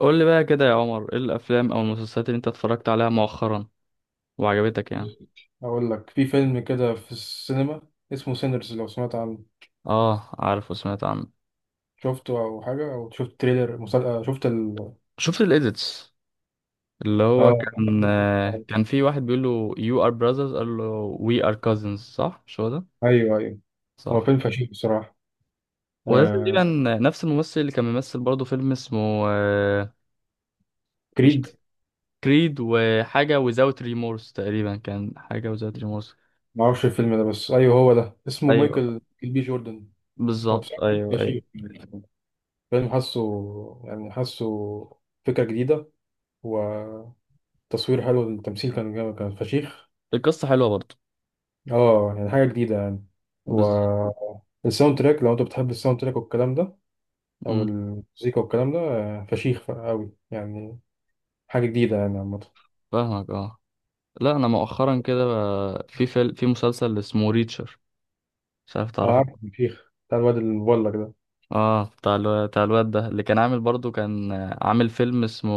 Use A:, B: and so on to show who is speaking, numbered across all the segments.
A: قول لي بقى كده يا عمر، ايه الافلام او المسلسلات اللي انت اتفرجت عليها مؤخرا وعجبتك يعني.
B: أقول لك في فيلم كده في السينما، اسمه سينرز، لو سمعت عنه.
A: اه، عارف وسمعت عنه.
B: شفته أو حاجة؟ أو شفت تريلر مسل... آه، شفت ال.
A: شفت الايديتس. اللي هو
B: آه
A: كان كان في واحد بيقول له you are brothers، قال له we are cousins. صح، مش هو ده؟
B: أيوه أيوه. هو
A: صح.
B: فيلم فشيخ بصراحة.
A: وده
B: آه...
A: تقريبا نفس الممثل اللي كان بيمثل برضه فيلم اسمه آه، مش
B: كريد.
A: كريد، وحاجة without remorse تقريبا، كان حاجة without remorse.
B: معرفش الفيلم ده، بس أيوه هو ده، اسمه
A: ايوه،
B: مايكل بي جوردن. هو
A: بالظبط
B: بصراحة فيلم
A: ايوه ايوه.
B: فشيخ، فيلم حاسه، يعني حاسه، فكرة جديدة، وتصوير حلو، التمثيل كان جامد كان فشيخ.
A: القصة حلوة برضه.
B: اه يعني حاجة جديدة يعني. و
A: بالظبط.
B: الساوند تراك لو انت بتحب الساوند تراك والكلام ده او
A: أمم،
B: المزيكا والكلام ده، فشيخ قوي يعني. حاجة جديدة يعني عامة.
A: فاهمك اه. لا، انا مؤخرا كده بقى في فيلم، في مسلسل اسمه ريتشر، مش عارف
B: انا
A: تعرفه.
B: عارف، فشيخ، بتاع الواد المبلغ ده.
A: اه، بتاع بتاع الواد ده اللي كان عامل برضو، كان عامل فيلم اسمه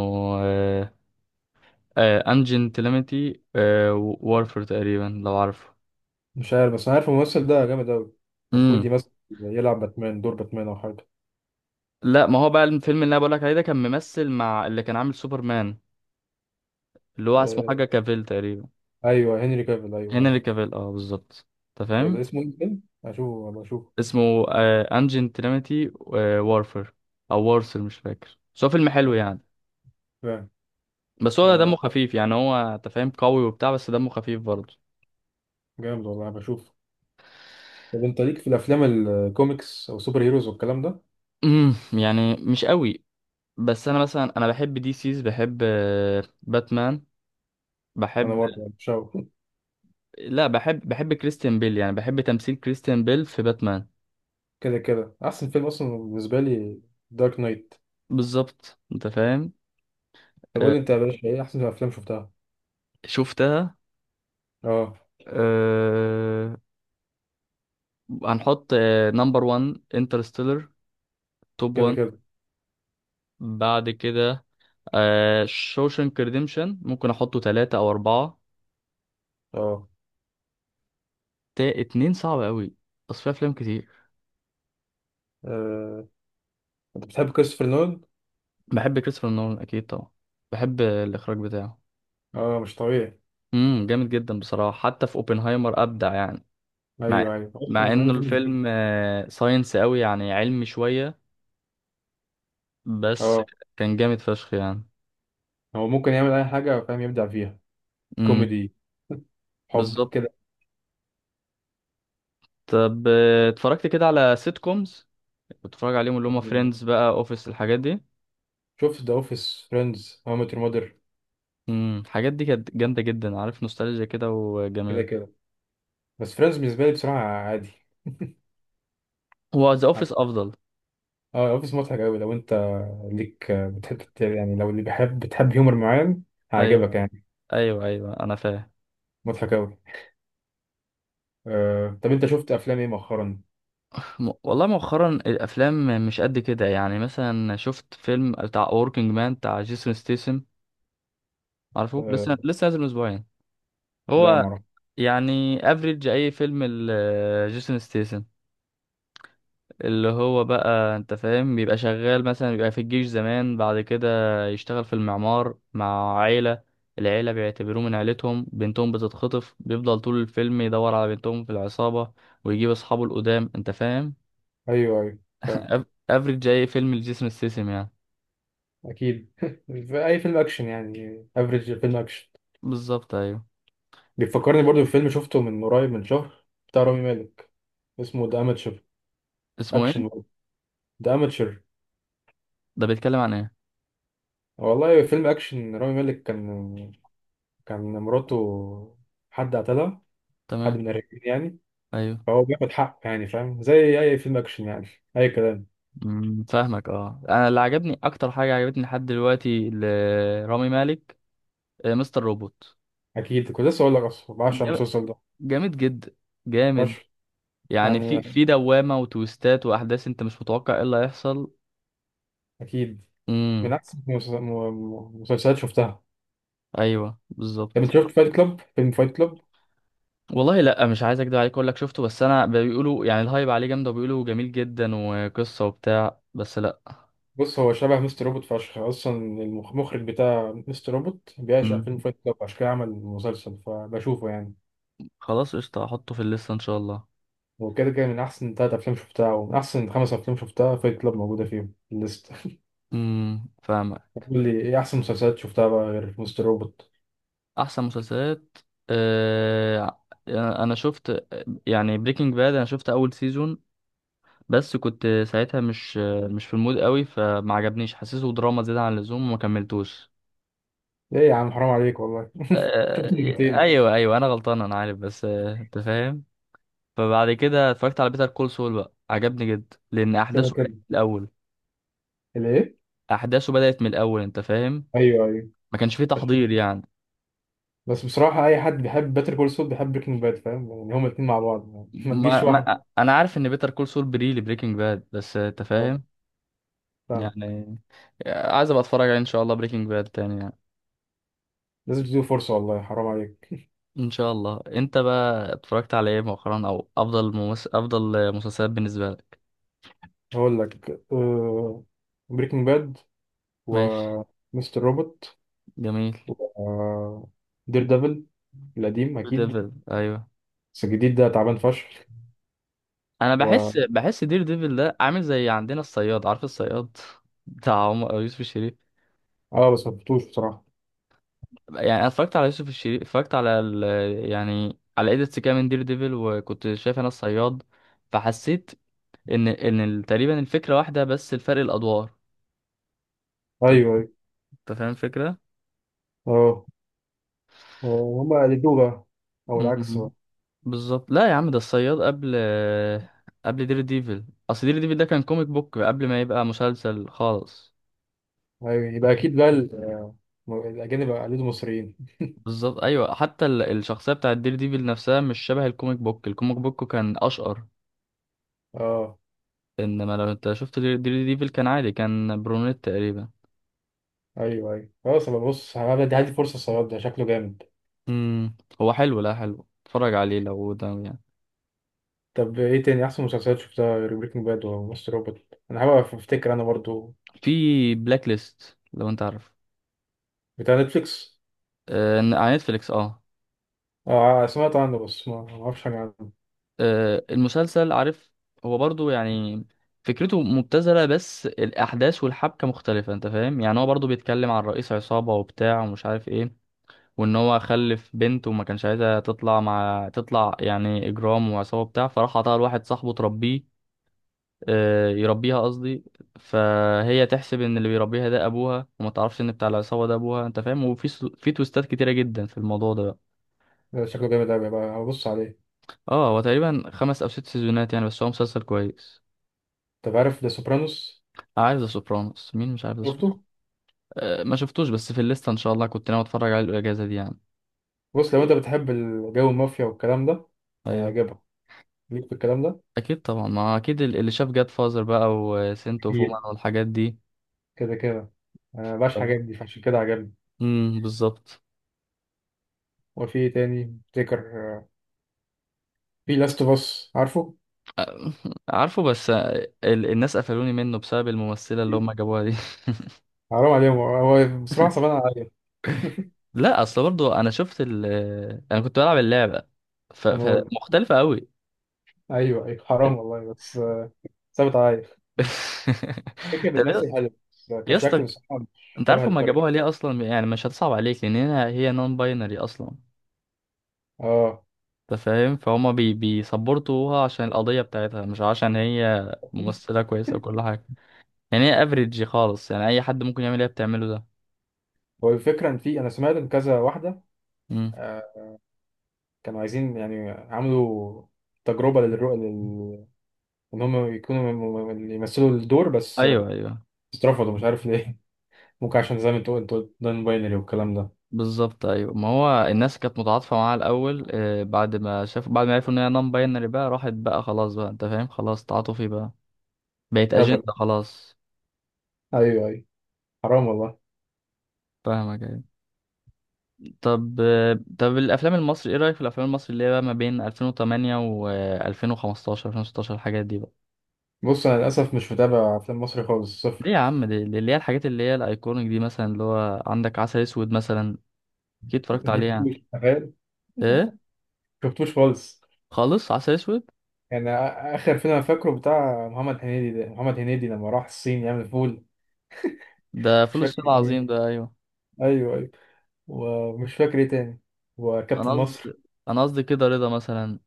A: انجن تيليمتي وارفر تقريبا، لو عارفه.
B: مش عارف، بس انا عارف الممثل ده جامد قوي.
A: امم
B: المفروض يمثل، يلعب باتمان، دور باتمان او حاجة.
A: لا، ما هو بقى الفيلم اللي انا بقولك عليه ده كان ممثل مع اللي كان عامل سوبرمان، اللي هو اسمه
B: آه،
A: حاجه كافيل تقريبا.
B: ايوه هنري كافيل، ايوه عارف.
A: هنري كافيل اه، بالظبط. انت فاهم؟
B: اسمه ايه الفيلم؟ هشوفه، أبقى اشوفه.
A: اسمه انجن تيليمتي وارفر او وارسل، مش فاكر، بس هو فيلم حلو يعني.
B: فاهم.
A: بس هو
B: آه،
A: دمه خفيف يعني، هو انت فاهم قوي وبتاع، بس دمه خفيف برضه.
B: جامد والله، بشوف. طب انت ليك في الافلام الكوميكس او سوبر هيروز والكلام ده؟
A: امم، يعني مش قوي. بس انا مثلا بحب دي سيز، بحب باتمان.
B: انا
A: بحب.
B: برضه مش.
A: لا، بحب كريستيان بيل يعني، بحب تمثيل كريستيان بيل في باتمان.
B: كده كده احسن فيلم اصلا بالنسبه لي دارك نايت.
A: بالظبط، انت فاهم.
B: طب قول
A: آه،
B: لي انت يا باشا، ايه احسن افلام شفتها؟
A: شفتها.
B: اه.
A: أه... هنحط نمبر 1 انترستيلر، توب
B: كده
A: 1.
B: كده.
A: بعد كده شوشنك ريديمشن، ممكن احطه ثلاثة او اربعة.
B: اه.
A: تا اتنين صعب قوي، بس في افلام كتير.
B: آه، انت بتحب كريستوفر نولان؟
A: بحب كريستوفر نولان، اكيد طبعا، بحب الاخراج بتاعه.
B: اه مش طبيعي.
A: امم، جامد جدا بصراحه، حتى في اوبنهايمر ابدع يعني. مع
B: ايوه ايوه،
A: مع
B: اصلا عامل
A: انه
B: فيلم جديد.
A: الفيلم ساينس قوي يعني، علمي شويه، بس
B: اه.
A: كان جامد فشخ يعني.
B: هو ممكن يعمل اي حاجه فاهم، يبدع فيها.
A: امم،
B: كوميدي، حب
A: بالظبط.
B: كده.
A: طب اتفرجت كده على سيت كومز، كنت بتفرج عليهم، اللي هم
B: آه،
A: فريندز بقى، اوفيس، الحاجات دي.
B: شفت ذا اوفيس، فريندز، هاو ميت يور ماذر.
A: الحاجات دي كانت جامده جدا، عارف، نوستالجيا كده
B: كده
A: وجميل.
B: كده. بس فريندز بالنسبه لي بصراحه عادي.
A: هو ذا اوفيس افضل.
B: اه اوفيس مضحك قوي لو انت ليك، بتحب يعني، لو اللي بيحب، بتحب هيومر معين، هيعجبك
A: ايوه،
B: يعني.
A: ايوه ايوه انا فاهم.
B: مضحك قوي. طب انت شفت افلام ايه مؤخرا؟
A: والله مؤخرا الافلام مش قد كده يعني. مثلا شفت فيلم بتاع وركينج مان بتاع جيسون ستيسن، عارفه؟
B: آه،
A: لسه نازل من اسبوعين.
B: لا
A: هو
B: ما اعرف.
A: يعني افريج اي فيلم جيسون ستيسن، اللي هو بقى انت فاهم، بيبقى شغال مثلا، بيبقى في الجيش زمان، بعد كده يشتغل في المعمار مع عيلة. العيلة بيعتبروه من عيلتهم، بنتهم بتتخطف، بيفضل طول الفيلم يدور على بنتهم في العصابة، ويجيب اصحابه القدام، انت فاهم.
B: ايوه ايوه فاهم.
A: افريج اي فيلم لجيسون ستيسن يعني.
B: اكيد. في اي فيلم اكشن يعني، افريج فيلم اكشن.
A: بالظبط، ايوه.
B: بيفكرني برضو بفيلم شفته من قريب، من شهر، بتاع رامي مالك، اسمه ذا اماتشر.
A: اسمه ايه؟
B: اكشن برضه، ذا اماتشر.
A: ده بيتكلم عن ايه؟
B: والله فيلم اكشن، رامي مالك كان مراته حد قتلها، حد
A: تمام.
B: من الرجالين يعني.
A: ايوه.
B: فهو بياخد حقه يعني، فاهم زي اي فيلم اكشن يعني، اي كلام.
A: أمم، فاهمك اه. انا اللي عجبني اكتر، حاجه عجبتني لحد دلوقتي لرامي مالك مستر روبوت.
B: اكيد، كنت لسه اقول لك، اصلا بعشق
A: جام-
B: المسلسل ده،
A: جامد جدا، جامد.
B: فشخ
A: يعني
B: يعني.
A: في دوامه وتويستات واحداث انت مش متوقع ايه اللي هيحصل.
B: اكيد من
A: امم.
B: أحسن مسلسلات شفتها.
A: ايوه،
B: طب أنت
A: بالظبط.
B: شفت فايت كلاب، فيلم فايت كلاب؟
A: والله لا، مش عايز اكدب عليك اقول لك شفته، بس انا بيقولوا يعني الهايب عليه جامد وبيقولوا جميل جدا وقصه وبتاع، بس لا.
B: بص، هو شبه مستر روبوت فشخ، أصلا المخرج بتاع مستر روبوت بيعشق
A: امم،
B: فيلم فايت كلاب، عشان كده عمل مسلسل، فبشوفه يعني.
A: خلاص قشطه، هحطه في الليسته ان شاء الله.
B: وكده كده من أحسن تلات أفلام شفتها، ومن أحسن خمس أفلام شفتها، فايت كلاب موجودة فيهم في الليستة.
A: امم، فاهمك.
B: قول لي إيه أحسن مسلسلات شفتها بقى غير مستر روبوت؟
A: احسن مسلسلات، آه، انا شفت يعني بريكنج باد، انا شفت اول سيزون، بس كنت ساعتها مش في المود قوي، فما عجبنيش، حسيته دراما زيادة عن اللزوم وما كملتوش.
B: إيه يا عم، حرام عليك والله، شفت
A: آه،
B: مرتين.
A: ايوه ايوه، انا غلطان انا عارف، بس انت فاهم. فبعد كده اتفرجت على بيتر كول سول بقى، عجبني جدا لان
B: كده
A: احداثه بدأت
B: كده.
A: من الاول.
B: الإيه؟
A: احداثه بدأت من الاول، انت فاهم،
B: أيوه أيوه.
A: ما كانش فيه تحضير يعني.
B: بس بصراحة أي حد بيحب باتر كول سول بيحب بريكنج باد، فاهم يعني، هما الاتنين مع بعض يعني. ما تجيش
A: ما
B: واحدة.
A: انا عارف ان بيتر كول سول بري لبريكنج باد، بس انت
B: اه
A: فاهم
B: فاهم.
A: يعني، عايز ابقى اتفرج عليه ان شاء الله بريكنج باد تاني يعني.
B: لازم تديله فرصة، والله حرام عليك.
A: ان شاء الله. انت بقى اتفرجت على ايه مؤخرا، او افضل افضل مسلسلات بالنسبه لك؟
B: هقول لك: بريكنج باد،
A: ماشي،
B: ومستر روبوت.
A: جميل.
B: آه، دير ديفل، القديم
A: دير
B: أكيد.
A: ديفل، ايوه.
B: بس الجديد ده تعبان فشخ.
A: انا
B: و
A: بحس، بحس دير ديفل ده عامل زي عندنا الصياد. عارف الصياد؟ بتاع عمر يوسف الشريف.
B: اه بس مفتوش بصراحة.
A: يعني انا اتفرجت على يوسف الشريف، اتفرجت على ال... يعني على ايديتس كده من دير ديفل، وكنت شايف انا الصياد، فحسيت ان تقريبا الفكره واحده، بس الفرق الادوار.
B: أيوه
A: انت
B: أيوه.
A: فاهم الفكره.
B: اه. هما قلدوه بقى، أو العكس بقى.
A: بالظبط. لا يا عم، ده الصياد قبل دير ديفل. اصل دير ديفل ده كان كوميك بوك قبل ما يبقى مسلسل خالص.
B: أيوه، يبقى أكيد بقى الأجانب قلدوا المصريين.
A: بالظبط ايوه، حتى الشخصيه بتاعت دير ديفل نفسها مش شبه الكوميك بوك. الكوميك بوك كان اشقر،
B: اه.
A: انما لو انت شفت دير ديفل كان عادي، كان برونيت تقريبا.
B: أيوه أيوه خلاص، أبقى بص، هدي هدي فرصة، الصياد ده شكله جامد.
A: امم، هو حلو، لا حلو، اتفرج عليه لو ده يعني.
B: طب إيه تاني أحسن مسلسلات شفتها غير بريكنج باد ومستر روبوت؟ أنا حابب أفتكر أنا برضو.
A: في بلاك ليست، لو انت عارف،
B: بتاع نتفليكس؟
A: آه، على نتفليكس اه.
B: اه سمعت عنه، بس ما ما اعرفش حاجه عنه.
A: المسلسل، عارف، هو برضو يعني فكرته مبتذلة، بس الأحداث والحبكة مختلفة، أنت فاهم يعني. هو برضو بيتكلم عن رئيس عصابة وبتاع ومش عارف إيه، وإن هو خلف بنت وما كانش عايزها تطلع مع تطلع يعني إجرام وعصابة بتاع، فراح عطاها لواحد صاحبه تربيه، آه، يربيها قصدي. فهي تحسب إن اللي بيربيها ده أبوها، وما تعرفش إن بتاع العصابة ده أبوها، أنت فاهم. وفي في تويستات كتيرة جدا في الموضوع ده بقى.
B: ده شكله جامد قوي بقى، هبص عليه.
A: اه، هو تقريبا 5 أو 6 سيزونات يعني، بس هو مسلسل كويس.
B: طب عارف ذا سوبرانوس؟
A: عارف ذا سوبرانوس؟ مين مش عارف ذا
B: شفته.
A: سوبرانوس؟ أه، ما شفتوش، بس في الليسته ان شاء الله، كنت ناوي اتفرج عليه الاجازه دي يعني.
B: بص لو انت بتحب الجو المافيا والكلام ده،
A: ايوه.
B: هيعجبك، ليك في الكلام ده.
A: اكيد طبعا، ما اكيد اللي شاف جاد فازر بقى، وسنت اوف وومن،
B: أكيد.
A: والحاجات دي.
B: كده كده. انا مبقاش حاجات دي، فعشان كده عجبني.
A: امم، بالظبط.
B: وفي إيه تاني افتكر؟ آه، في لاست اوف اس، عارفه.
A: آه، عارفه، بس آه، الناس قفلوني منه بسبب الممثله اللي هم جابوها دي.
B: حرام عليهم، هو هو بصراحه صعبان عليا.
A: لا، اصل برضو انا شفت ال، انا كنت بلعب اللعبه، ف...
B: انا برضه.
A: فمختلفه قوي.
B: ايوه ايوه، حرام والله، بس. ثابت عليا. فكره
A: طب يا
B: بتمثل حلو، بس
A: يا
B: كشكل
A: اسطى،
B: بصراحه مش
A: انت
B: شبه
A: عارف هما
B: الكاركتر.
A: جابوها ليه اصلا؟ يعني مش هتصعب عليك، لان هنا هي نون باينري اصلا.
B: اه،
A: انت فاهم، فهما بيسبورتوها عشان القضية بتاعتها، مش عشان هي ممثلة كويسة وكل حاجة. يعني هي افريج خالص يعني، اي حد ممكن يعمل اللي هي بتعمله ده.
B: هو الفكرة إن في، أنا سمعت إن كذا واحدة
A: مم.
B: آه، كانوا عايزين، يعني عملوا تجربة للرؤى إن هم يكونوا يمثلوا الدور، بس
A: ايوه ايوه،
B: اترفضوا مش عارف ليه. ممكن عشان زي ما أنت قلت نون باينري والكلام ده.
A: بالظبط ايوه. ما هو الناس كانت متعاطفة معاها الاول، آه، بعد ما شافوا، بعد ما عرفوا ان هي نون باينري، بقى راحت بقى، خلاص بقى انت فاهم، خلاص تعاطفي بقى، بقت
B: هبل.
A: اجندة خلاص.
B: أيوه أيوه، حرام والله.
A: فاهمك ايوه. طب طب الافلام المصري، ايه رأيك في الافلام المصري اللي هي بقى ما بين 2008 و 2015 2016 الحاجات دي بقى؟
B: بص أنا للأسف مش متابع أفلام مصري خالص،
A: ليه
B: صفر.
A: يا عم، دي اللي هي الحاجات اللي هي الايكونيك دي، مثلا اللي هو عندك عسل اسود مثلا، اكيد اتفرجت عليه يعني.
B: شفتوش تخيل.
A: ايه
B: شفتوش خالص.
A: خالص؟ عسل اسود،
B: يعني آخر فيلم أنا فاكره بتاع محمد هنيدي ده، محمد هنيدي لما راح الصين يعمل فول.
A: ده
B: مش
A: فول الصين
B: فاكر
A: العظيم
B: إيه.
A: ده، ايوه.
B: أيوه أيوه. ومش فاكر إيه تاني.
A: انا
B: وكابتن
A: قصدي
B: مصر.
A: انا قصدي كده رضا مثلا،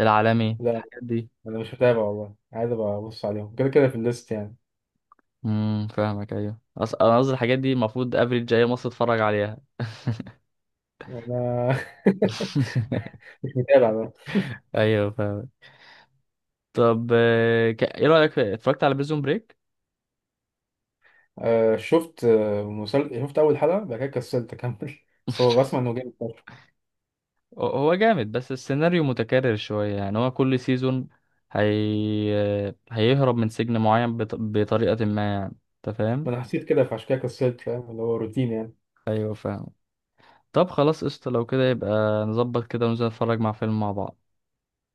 A: العالمي،
B: لا.
A: الحاجات دي.
B: انا مش متابع والله، عايز ابقى ابص عليهم كده كده في الليست يعني.
A: امم، فاهمك ايوه. انا قصدي الحاجات دي المفروض افريج جاي مصر اتفرج عليها.
B: وانا مش متابع بقى.
A: ايوه فاهم. طب ايه رايك اتفرجت على بريزون بريك؟
B: آه شفت، آه شفت اول حلقه بعد كده كسلت اكمل. بس هو بسمع انه جامد فشخ.
A: هو جامد، بس السيناريو متكرر شوية يعني. هو كل سيزون هي... هيهرب من سجن معين بطريقة ما يعني. انت فاهم؟
B: ما انا حسيت كده، فعشان كده كسلت، فاهم اللي هو روتين يعني.
A: ايوه فاهم. طب خلاص قشطة، لو كده يبقى نظبط كده وننزل نتفرج مع فيلم مع بعض.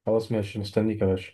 B: خلاص ماشي، مستنيك يا باشا.